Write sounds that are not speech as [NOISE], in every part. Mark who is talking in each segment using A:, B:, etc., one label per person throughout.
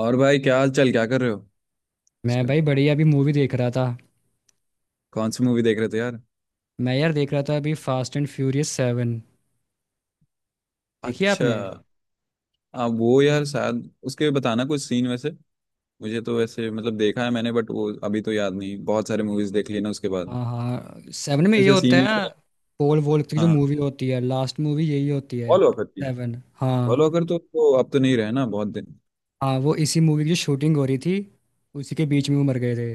A: और भाई क्या हाल चाल क्या कर रहे हो
B: मैं
A: आजकल।
B: भाई बढ़िया अभी मूवी देख रहा था।
A: कौन सी मूवी देख रहे थे यार?
B: मैं यार देख रहा था अभी फास्ट एंड फ्यूरियस सेवन। देखी है
A: अच्छा।
B: आपने।
A: आप वो यार शायद उसके बताना कुछ सीन वैसे। मुझे तो वैसे मतलब देखा है मैंने बट वो अभी तो याद नहीं, बहुत सारे मूवीज देख लिए ना उसके बाद।
B: हाँ हाँ, सेवन में ये
A: वैसे
B: होता
A: सीन
B: है
A: याद
B: ना।
A: है?
B: पोल वोल्ट की जो
A: हाँ।
B: मूवी होती है लास्ट मूवी यही होती है
A: पॉल वॉकर थी।
B: सेवन।
A: पॉल
B: हाँ।
A: वॉकर तो अब तो नहीं रहे ना बहुत दिन।
B: हाँ वो इसी मूवी की जो शूटिंग हो रही थी, उसी के बीच में वो मर गए थे।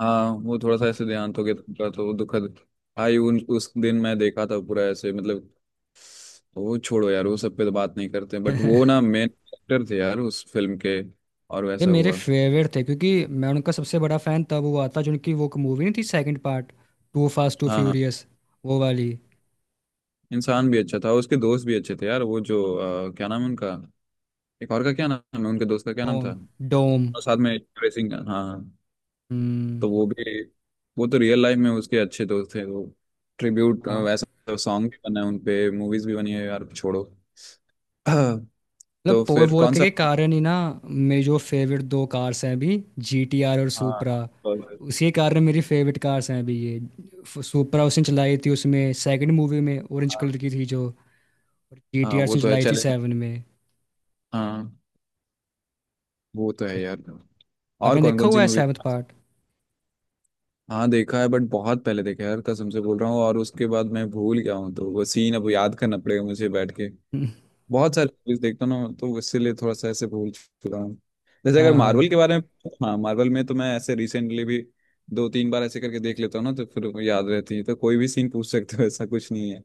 A: हाँ वो थोड़ा सा ऐसे देहांत हो गया था उनका, तो वो दुखद। भाई उन उस दिन मैं देखा था पूरा ऐसे मतलब। वो छोड़ो यार, वो सब पे तो बात नहीं करते बट वो ना मेन एक्टर थे यार उस फिल्म के। और
B: ये
A: वैसा
B: मेरे
A: हुआ।
B: फेवरेट थे क्योंकि मैं उनका सबसे बड़ा फैन तब हुआ था जो उनकी वो मूवी नहीं थी, second part two Fast two
A: हाँ हाँ।
B: फ्यूरियस, वो वाली।
A: इंसान भी अच्छा था, उसके दोस्त भी अच्छे थे यार। वो जो क्या नाम है उनका। एक और का क्या नाम है, उनके दोस्त का क्या नाम
B: डोम।
A: था?
B: डोम।
A: और साथ में ट्रेसिंग, हाँ।
B: हम्म।
A: तो वो भी। वो तो रियल लाइफ में उसके अच्छे दोस्त थे वो। ट्रिब्यूट।
B: हाँ।
A: ऐसा सॉन्ग भी बना है उनपे, मूवीज भी बनी है यार, छोड़ो। [CLEARS THROAT] तो
B: मतलब पोल
A: फिर
B: वोल
A: कौन
B: के,
A: सा?
B: के कारण ही ना। मेरी जो फेवरेट दो कार्स हैं अभी, जी टी आर और
A: हाँ।
B: सुपरा।
A: और-
B: उसी के कारण मेरी फेवरेट कार्स हैं अभी ये। सुपरा उसने चलाई थी उसमें सेकंड मूवी में, ऑरेंज
A: हाँ
B: कलर की थी जो। और जी
A: हाँ,
B: टी आर
A: वो
B: उसने
A: तो है
B: चलाई थी
A: चैलेंज।
B: सेवन में।
A: हाँ वो तो है यार। और
B: आपने
A: कौन
B: देखा
A: कौन
B: हुआ
A: सी
B: है
A: मूवी?
B: Seventh part.
A: हाँ देखा है बट बहुत पहले देखा है यार, कसम से बोल रहा हूँ, और उसके बाद मैं भूल गया हूँ, तो वो सीन अब याद करना पड़ेगा मुझे बैठ के।
B: [LAUGHS]
A: बहुत सारे मूवीज देखता हूँ ना, तो इसीलिए थोड़ा सा ऐसे भूल चुका हूँ। जैसे अगर
B: हाँ
A: मार्वल
B: हाँ।
A: के बारे में। हाँ मार्वल में तो मैं ऐसे रिसेंटली भी दो तीन बार ऐसे करके देख लेता हूँ ना, तो फिर वो याद रहती है, तो कोई भी सीन पूछ सकते हो, ऐसा कुछ नहीं है।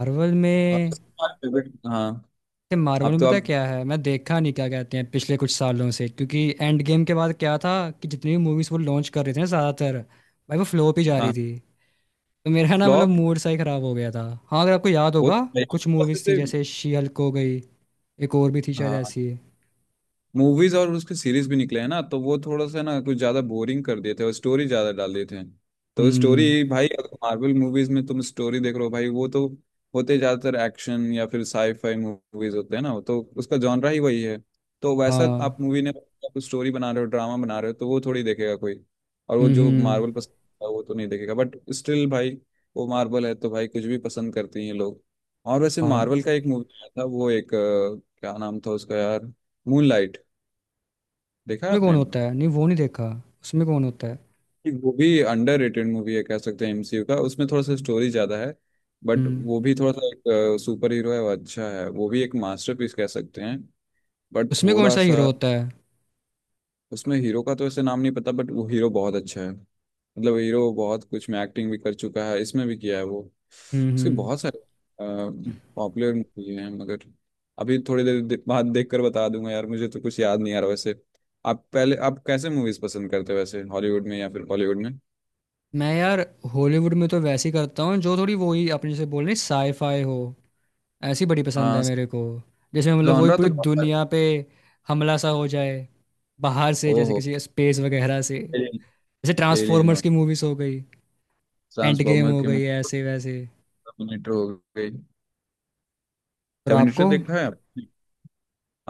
B: मार्वल
A: और
B: में
A: तुम्हारा हाँ।
B: ते मार्वल
A: अब
B: में
A: तो
B: पता
A: आप।
B: क्या है, मैं देखा नहीं क्या कहते हैं पिछले कुछ सालों से क्योंकि एंड गेम के बाद क्या था कि जितनी भी मूवीज वो लॉन्च कर रहे थे ना ज़्यादातर भाई वो फ्लोप ही जा रही
A: हाँ।
B: थी। तो मेरा ना मतलब
A: फ्लॉप।
B: मूड सा ही खराब हो गया था। हाँ अगर आपको याद
A: वो
B: होगा कुछ मूवीज थी
A: वैसे
B: जैसे
A: [LAUGHS]
B: शी हल्क हो गई, एक और भी थी शायद
A: हाँ
B: ऐसी।
A: मूवीज और उसके सीरीज भी निकले हैं ना, तो वो थोड़ा सा ना कुछ ज्यादा बोरिंग कर देते हैं और स्टोरी ज्यादा डाल देते हैं। तो
B: हम्म।
A: स्टोरी भाई, अगर मार्वल मूवीज में तुम स्टोरी देख रहे हो भाई, वो तो होते ज्यादातर एक्शन या फिर साईफाई मूवीज होते हैं ना, तो उसका जॉनरा ही वही है। तो वैसा
B: हाँ।
A: आप मूवी ने आप स्टोरी बना रहे हो, ड्रामा बना रहे हो, तो वो थोड़ी देखेगा कोई। और वो
B: हम्म।
A: जो
B: हम्म।
A: मार्वल पसंद है वो तो नहीं देखेगा, बट स्टिल भाई, वो मार्वल है तो भाई, कुछ भी पसंद करते हैं लोग। और वैसे
B: हाँ। उसमें
A: मार्वल का एक मूवी आया था, वो एक क्या नाम था उसका यार। मूनलाइट। देखा है
B: कौन
A: आपने?
B: होता है, नहीं वो नहीं देखा। उसमें कौन होता है।
A: एक वो भी अंडररेटेड मूवी है कह सकते हैं, एमसीयू का, उसमें थोड़ा सा स्टोरी ज्यादा है। बट
B: हम्म।
A: वो भी थोड़ा सा एक सुपर हीरो है, वो अच्छा है, वो भी एक मास्टरपीस कह सकते हैं। बट
B: उसमें कौन
A: थोड़ा
B: सा हीरो
A: सा।
B: होता है।
A: उसमें हीरो का तो ऐसे नाम नहीं पता, बट वो हीरो बहुत अच्छा है, मतलब हीरो बहुत कुछ में एक्टिंग भी कर चुका है, इसमें भी किया है वो। उसके
B: हम्म।
A: बहुत सारे पॉपुलर मूवी हैं, मगर अभी थोड़ी देर बाद देख कर बता दूंगा यार, मुझे तो कुछ याद नहीं आ रहा वैसे। आप पहले, आप कैसे मूवीज पसंद करते हो वैसे? हॉलीवुड में या फिर बॉलीवुड में?
B: मैं यार हॉलीवुड में तो वैसे ही करता हूँ जो थोड़ी वही अपने जैसे बोल रही साईफाई हो। ऐसी बड़ी पसंद है
A: हाँ
B: मेरे को। जिसमें मतलब वही
A: जॉनरा
B: पूरी
A: तो प्रॉपर।
B: दुनिया पे हमला सा हो जाए, बाहर से जैसे
A: ओहो।
B: किसी स्पेस वगैरह से।
A: एलियन।
B: जैसे
A: एलियन
B: ट्रांसफॉर्मर्स
A: वन।
B: की मूवीज हो गई, एंड गेम
A: ट्रांसफॉर्मर
B: हो
A: की
B: गई है,
A: मूवी।
B: ऐसे वैसे।
A: टर्मिनेटर हो गई।
B: और
A: टर्मिनेटर
B: आपको।
A: देखा है आपने?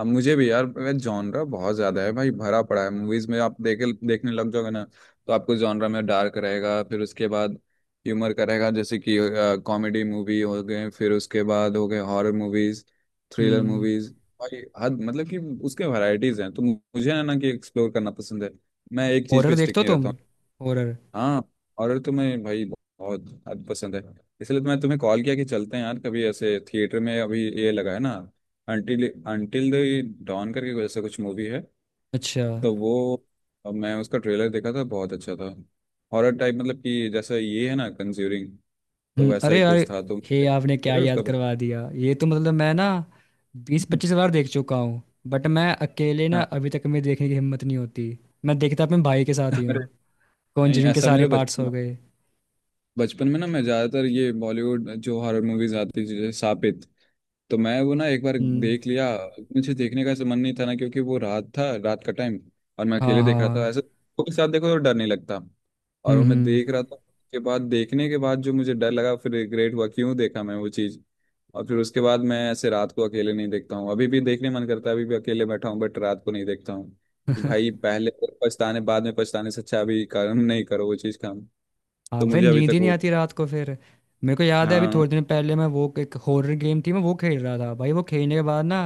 A: अब मुझे भी यार जॉनरा बहुत ज्यादा है भाई, भरा पड़ा है मूवीज में, आप देखे देखने लग जाओगे ना। तो आपको जॉनरा में डार्क रहेगा, फिर उसके बाद ह्यूमर का रहेगा, जैसे कि कॉमेडी मूवी हो गए, फिर उसके बाद हो गए horror movies, thriller
B: hmm.
A: Movies. भाई हद मतलब कि उसके वैरायटीज हैं, तो मुझे है ना कि एक्सप्लोर करना पसंद है। मैं एक चीज
B: हॉरर
A: पे
B: देखते
A: स्टिक
B: हो
A: नहीं
B: तुम,
A: रहता हूँ।
B: हॉरर।
A: हाँ। हॉरर तो मैं भाई बहुत हद पसंद है। इसलिए तो मैं तुम्हें कॉल किया कि चलते हैं यार कभी ऐसे थिएटर में, अभी ये लगा है ना अंटिल अंटिल द डॉन करके ऐसा कुछ मूवी है।
B: अच्छा।
A: तो वो, अब मैं उसका ट्रेलर देखा था बहुत अच्छा था, हॉरर टाइप, मतलब कि जैसा ये है ना कंज्यूरिंग, तो
B: हम्म,
A: वैसा
B: अरे
A: ही
B: यार,
A: कुछ था, तो
B: हे आपने क्या
A: चलो
B: याद
A: उसका।
B: करवा दिया, ये तो मतलब मैं ना बीस पच्चीस बार देख चुका हूँ। बट मैं अकेले ना
A: हाँ।
B: अभी तक मेरी देखने की हिम्मत नहीं होती। मैं देखता अपने भाई के साथ ही
A: अरे
B: हूँ।
A: नहीं,
B: कॉन्जरिंग के
A: ऐसा
B: सारे
A: मेरे
B: पार्ट्स हो
A: बचपन
B: गए।
A: बचपन में ना मैं ज़्यादातर ये बॉलीवुड जो हॉरर मूवीज आती थी जैसे सापित, तो मैं वो ना एक बार
B: हम्म।
A: देख लिया। मुझे देखने का ऐसा मन नहीं था ना, क्योंकि वो रात का टाइम और मैं
B: हाँ
A: अकेले देख रहा था,
B: हाँ।
A: ऐसे लोगों के साथ देखो तो डर नहीं लगता। और वो मैं
B: हम्म।
A: देख रहा था। के बाद देखने के बाद जो मुझे डर लगा, फिर रिग्रेट हुआ क्यों देखा मैं वो चीज़। और फिर उसके बाद मैं ऐसे रात को अकेले नहीं देखता हूँ, अभी भी देखने मन करता है, अभी भी अकेले बैठा हूँ बट रात को नहीं देखता हूँ। कि भाई पहले तो पछताने, बाद में पछताने से अच्छा अभी कर्म नहीं करो वो चीज़ का।
B: हाँ
A: तो
B: फिर
A: मुझे अभी
B: नींद
A: तक
B: ही नहीं
A: वो।
B: आती रात को फिर। मेरे को याद है अभी
A: हाँ
B: थोड़े दिन पहले मैं वो एक हॉरर गेम थी मैं वो खेल रहा था भाई, वो खेलने के बाद ना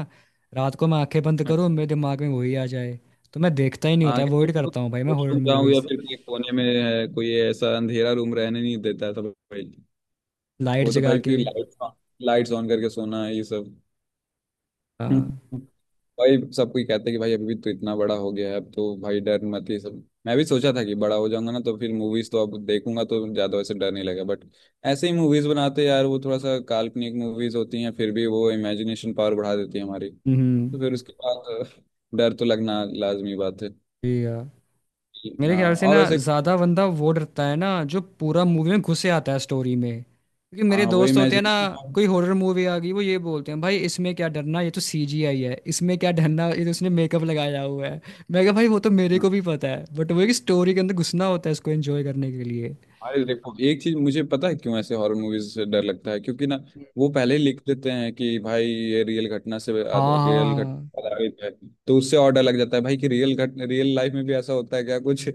B: रात को मैं आंखें बंद करूँ मेरे दिमाग में वही आ जाए। तो मैं देखता ही नहीं होता,
A: हाँ। कि
B: अवॉइड
A: लोग
B: करता हूँ भाई मैं हॉरर
A: रूम जाऊँ या
B: मूवीज।
A: फिर कोई कोने में है, कोई ऐसा अंधेरा रूम रहने नहीं देता है तो भाई।
B: लाइट
A: वो तो
B: जगा
A: भाई
B: के।
A: फिर लाइट्स ऑन करके सोना है ये सब। [LAUGHS]
B: हाँ।
A: हम्म। भाई सब कोई कहते हैं कि भाई अभी भी तो इतना बड़ा हो गया है, अब तो भाई डर मत ये सब, मैं भी सोचा था कि बड़ा हो जाऊंगा ना, तो फिर मूवीज तो अब देखूंगा तो ज्यादा वैसे डर नहीं लगेगा, बट ऐसे ही मूवीज बनाते हैं यार, वो थोड़ा सा काल्पनिक मूवीज होती हैं फिर भी वो इमेजिनेशन पावर बढ़ा देती है हमारी। तो
B: हम्म।
A: फिर उसके बाद डर तो लगना लाजमी बात है।
B: जी हाँ, मेरे
A: हाँ
B: ख्याल से
A: और
B: ना
A: वैसे।
B: ज्यादा बंदा वो डरता है ना जो पूरा मूवी में घुसे आता है स्टोरी में। क्योंकि मेरे
A: हाँ वही
B: दोस्त
A: मैं।
B: होते हैं ना, कोई हॉरर मूवी आ गई वो ये बोलते हैं भाई इसमें क्या डरना, ये तो सीजीआई है, इसमें क्या डरना, ये तो उसने मेकअप लगाया हुआ है। मैं कहा भाई वो तो मेरे
A: हाँ,
B: को भी पता है, बट वो है कि स्टोरी के अंदर घुसना होता है इसको एंजॉय करने के लिए।
A: अरे देखो एक चीज, मुझे पता है क्यों ऐसे हॉरर मूवीज से डर लगता है, क्योंकि ना वो पहले ही लिख देते हैं कि भाई ये रियल घटना से
B: हाँ हाँ
A: रियल घट
B: हाँ।
A: आधारित है। तो उससे और डर लग जाता है भाई कि रियल लाइफ में भी ऐसा होता है क्या कुछ।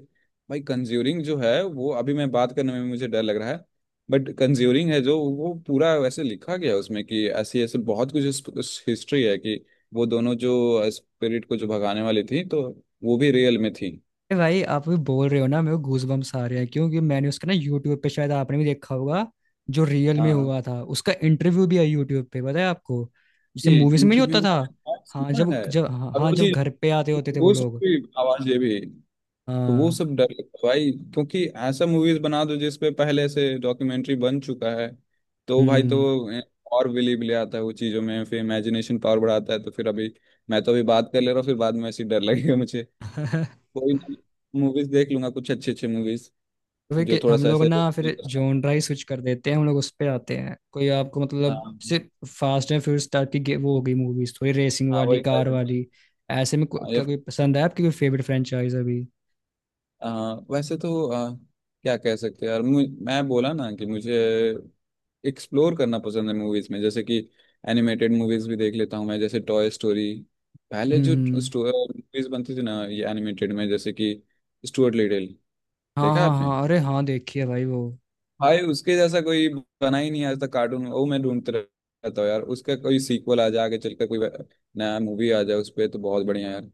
A: भाई कंज्यूरिंग जो है वो अभी मैं बात करने में भी मुझे डर लग रहा है। बट कंज्यूरिंग है जो वो पूरा वैसे लिखा गया है उसमें कि ऐसी ऐसे बहुत कुछ हिस्ट्री है कि वो दोनों जो स्पिरिट को जो भगाने वाली थी, तो वो भी रियल में थी।
B: अरे भाई आप भी बोल रहे हो ना मेरे को गूजबम्प्स आ रहे हैं, क्योंकि मैंने उसका ना यूट्यूब पे, शायद आपने भी देखा होगा, जो रियल में
A: हाँ
B: हुआ था उसका इंटरव्यू भी है यूट्यूब पे, पता है आपको। जैसे
A: ये
B: मूवीज में नहीं
A: इंटरव्यू
B: होता
A: में
B: था।
A: मैंने
B: हाँ
A: सुना
B: जब
A: है।
B: जब हाँ
A: अब
B: हाँ, जब
A: मुझे
B: घर पे आते होते थे वो
A: वो सब
B: लोग।
A: की आवाज ये भी। तो वो
B: हाँ।
A: सब डर लगता है भाई, क्योंकि ऐसा मूवीज बना दो जिसपे पहले से डॉक्यूमेंट्री बन चुका है, तो भाई
B: हम्म।
A: तो और बिलीव ले आता है वो चीजों में, फिर इमेजिनेशन पावर बढ़ाता है तो फिर अभी। मैं तो अभी बात कर ले रहा हूँ, फिर बाद में ऐसी डर लगेगा मुझे।
B: [LAUGHS]
A: कोई मूवीज देख लूंगा कुछ अच्छे अच्छे मूवीज
B: तो फिर
A: जो थोड़ा
B: हम
A: सा
B: लोग
A: ऐसे।
B: ना फिर जॉनरा ही स्विच कर देते हैं, हम लोग उस पे आते हैं। कोई आपको मतलब
A: हाँ।
B: सिर्फ फास्ट एंड फ्यूरियस टाइप की वो हो गई मूवीज, थोड़ी रेसिंग
A: हाँ
B: वाली
A: वही।
B: कार वाली, ऐसे में क्या कोई पसंद है आपकी, कोई फेवरेट फ्रेंचाइज अभी।
A: वैसे तो क्या कह सकते हैं यार। मैं बोला ना कि मुझे एक्सप्लोर करना पसंद है मूवीज में, जैसे कि एनिमेटेड मूवीज भी देख लेता हूँ मैं, जैसे टॉय स्टोरी। पहले
B: हम्म
A: जो
B: हम्म।
A: मूवीज बनती थी ना ये एनिमेटेड में, जैसे कि स्टुअर्ट लिटिल।
B: हाँ
A: देखा है
B: हाँ
A: आपने?
B: हाँ, अरे हाँ देखी है भाई वो।
A: भाई उसके जैसा कोई बना ही नहीं आज तक कार्टून, वो मैं ढूंढता रहता हूँ यार, उसका कोई सीक्वल आ जाए आगे चलकर, कोई नया मूवी आ जाए उस पर, तो बहुत बढ़िया यार।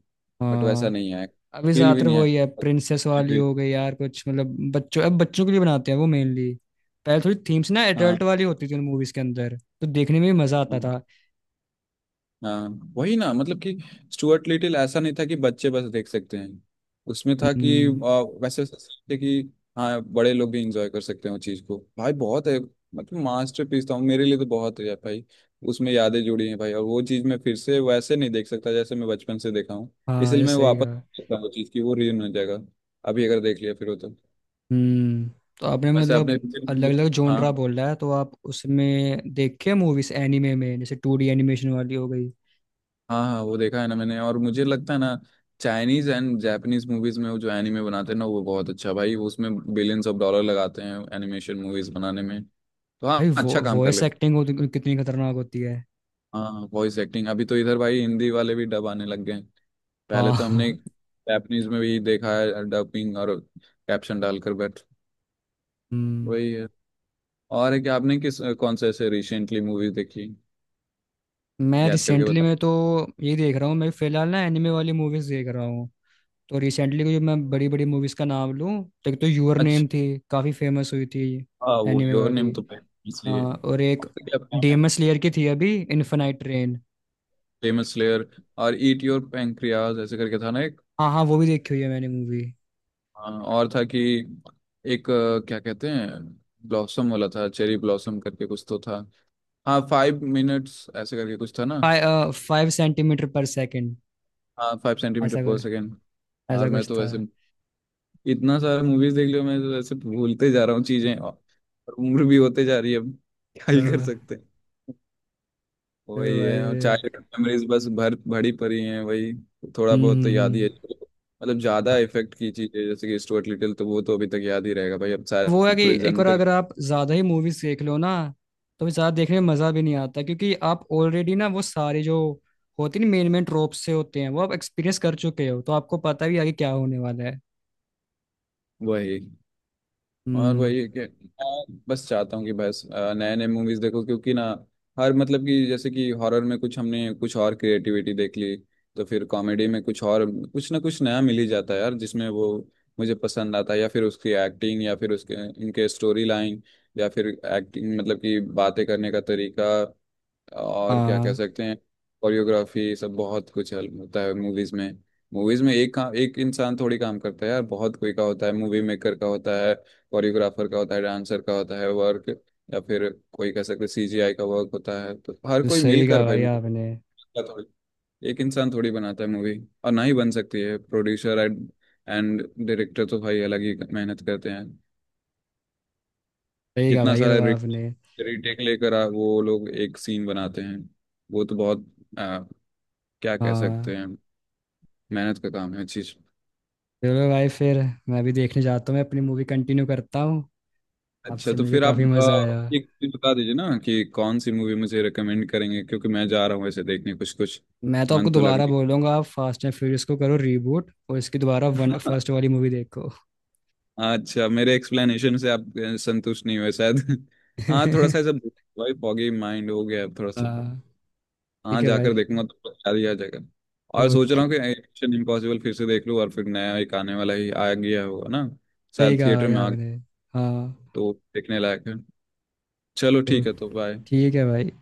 A: बट वैसा
B: हाँ।
A: नहीं है,
B: अभी
A: फील भी
B: ज्यादातर
A: नहीं है।
B: वही है प्रिंसेस वाली
A: फील।
B: हो गई यार कुछ, मतलब बच्चों, अब बच्चों के लिए बनाते हैं वो मेनली। पहले थोड़ी थीम्स ना एडल्ट
A: हाँ।
B: वाली होती थी उन मूवीज के अंदर, तो देखने में भी मजा आता था।
A: हाँ वही ना मतलब कि स्टुअर्ट लिटिल ऐसा नहीं था कि बच्चे बस देख सकते हैं। उसमें था कि
B: हम्म।
A: वैसे थे कि हाँ बड़े लोग भी इंजॉय कर सकते हैं उस चीज़ को भाई बहुत है। मतलब मास्टरपीस था मेरे लिए, तो बहुत है यार भाई, उसमें यादें जुड़ी हैं भाई, और वो चीज़ मैं फिर से वैसे नहीं देख सकता जैसे मैं बचपन से देखा हूँ।
B: हाँ
A: इसलिए
B: ये
A: मैं
B: सही
A: वापस
B: कहा।
A: देख सकता हूँ वो चीज़ की वो रियून हो जाएगा, अभी अगर देख लिया फिर वो तो।
B: हम्म। तो आपने
A: वैसे आपने
B: मतलब अलग
A: [LAUGHS]
B: अलग
A: हाँ।
B: जोनरा बोला है तो आप उसमें देखे मूवीज एनिमे में जैसे टू डी एनिमेशन वाली हो गई।
A: हाँ हाँ वो देखा है ना मैंने, और मुझे लगता है ना चाइनीज एंड जापानीज मूवीज में वो जो एनिमे बनाते हैं ना वो बहुत अच्छा भाई, वो उसमें बिलियंस ऑफ डॉलर लगाते हैं एनिमेशन मूवीज बनाने में, तो हाँ
B: भाई वो
A: अच्छा काम कर
B: वॉइस
A: ले।
B: एक्टिंग होती कितनी खतरनाक होती है।
A: हाँ वॉइस एक्टिंग अभी तो इधर भाई हिंदी वाले भी डब आने लग गए हैं। पहले तो हमने
B: हाँ। [LAUGHS]
A: जापानीज में भी देखा है डबिंग और कैप्शन डालकर बट
B: हम्म।
A: वही है। और है कि आपने किस कौन सा ऐसे रिसेंटली मूवी देखी?
B: मैं
A: याद करके
B: रिसेंटली
A: बता।
B: में तो ये देख रहा हूँ, मैं फिलहाल ना एनिमे वाली मूवीज देख रहा हूँ। तो रिसेंटली को जो मैं बड़ी बड़ी मूवीज का नाम लूँ, तो एक तो यूर
A: अच्छा।
B: नेम थी, काफ़ी फेमस हुई थी,
A: हाँ, वो
B: एनिमे
A: योर
B: वाली।
A: नेम तो भाई इसलिए।
B: और एक
A: और क्या?
B: डेमन स्लेयर की थी अभी इन्फेनाइट रेन।
A: Famous layer. और ईट योर पेंक्रियाज ऐसे करके था ना एक।
B: हाँ हाँ वो भी देखी हुई है मैंने मूवी।
A: हाँ, और था कि एक क्या कहते हैं, ब्लॉसम वाला था, चेरी ब्लॉसम करके कुछ तो था। हाँ फाइव मिनट्स ऐसे करके कुछ था ना।
B: फाइव सेंटीमीटर पर सेकेंड,
A: हाँ फाइव सेंटीमीटर
B: ऐसा
A: पर
B: कुछ,
A: सेकेंड। और
B: ऐसा
A: मैं
B: कुछ
A: तो
B: था।
A: वैसे इतना सारा मूवीज देख लिया, मैं तो वैसे भूलते जा रहा हूँ चीजें, और उम्र भी होते जा रही है अब, क्या ही कर
B: तो
A: सकते हैं। वही है, और
B: भाई।
A: चाइल्डहुड मेमोरीज बस भर भरी पड़ी हैं वही, थोड़ा
B: हम्म
A: बहुत तो
B: हम्म,
A: याद ही है।
B: हम्म।
A: मतलब ज्यादा इफेक्ट की चीजें जैसे कि स्टुअर्ट लिटिल, तो वो तो अभी तक याद ही रहेगा भाई, अब
B: वो है
A: शायद
B: कि
A: पूरे
B: एक
A: जन्म
B: बार
A: तक।
B: अगर आप ज्यादा ही मूवीज देख लो ना, तो फिर ज्यादा देखने में मजा भी नहीं आता क्योंकि आप ऑलरेडी ना वो सारे जो होती है ना मेन मेन ट्रोप से होते हैं वो आप एक्सपीरियंस कर चुके हो, तो आपको पता भी है आगे क्या होने वाला है।
A: वही। और
B: हम्म।
A: वही है कि मैं बस चाहता हूँ कि बस नए नए मूवीज देखो, क्योंकि ना हर मतलब कि जैसे कि हॉरर में कुछ हमने कुछ और क्रिएटिविटी देख ली, तो फिर कॉमेडी में कुछ और, कुछ ना कुछ नया मिल ही जाता है यार, जिसमें वो मुझे पसंद आता है, या फिर उसकी एक्टिंग, या फिर उसके उनके स्टोरी लाइन, या फिर एक्टिंग मतलब कि बातें करने का तरीका, और क्या कह
B: हाँ
A: सकते हैं, कोरियोग्राफी सब बहुत कुछ हेल्प होता है मूवीज में। मूवीज में एक काम एक इंसान थोड़ी काम करता है यार, बहुत कोई का होता है, मूवी मेकर का होता है, कोरियोग्राफर का होता है, डांसर का होता है वर्क, या फिर कोई कह सकते सीजीआई का वर्क होता है, तो हर
B: तो
A: कोई
B: सही कहा
A: मिलकर भाई
B: भाई आपने।
A: मूवी थोड़ी, एक इंसान थोड़ी बनाता है मूवी, और ना ही बन सकती है। प्रोड्यूसर एंड एंड डायरेक्टर तो भाई अलग ही मेहनत करते हैं।
B: सही कहा
A: कितना
B: भाई ये
A: सारा
B: तो आपने।
A: रिटेक लेकर वो लोग एक सीन बनाते हैं, वो तो बहुत क्या कह
B: हाँ।
A: सकते हैं, मेहनत का काम है चीज।
B: चलो भाई फिर, मैं भी देखने जाता हूँ, मैं अपनी मूवी कंटिन्यू करता हूँ।
A: अच्छा
B: आपसे
A: तो
B: मिलकर
A: फिर आप
B: काफी मजा आया।
A: एक चीज बता दीजिए ना, कि कौन सी मूवी मुझे रेकमेंड करेंगे, क्योंकि मैं जा रहा हूँ ऐसे देखने कुछ कुछ।
B: मैं तो आपको
A: मन तो लग
B: दोबारा बोलूंगा आप फास्ट एंड फ्यूरियस को करो रीबूट और इसकी दोबारा वन
A: नहीं [LAUGHS]
B: फर्स्ट वाली मूवी देखो।
A: अच्छा मेरे एक्सप्लेनेशन से आप संतुष्ट नहीं हुए शायद [LAUGHS] हाँ थोड़ा सा ऐसा।
B: [LAUGHS]
A: भाई फॉगी माइंड हो गया अब थोड़ा सा।
B: हाँ
A: हाँ
B: ठीक है भाई।
A: जाकर देखूंगा तो याद ही आ जाएगा। और सोच रहा
B: ओके।
A: हूँ कि मिशन इम्पॉसिबल फिर से देख लूँ, और फिर नया एक आने वाला ही आ गया होगा ना
B: सही
A: शायद
B: कहा
A: थिएटर
B: भाई
A: में आ,
B: आपने। हाँ।
A: तो देखने लायक है। चलो
B: तो
A: ठीक है, तो बाय।
B: ठीक है भाई।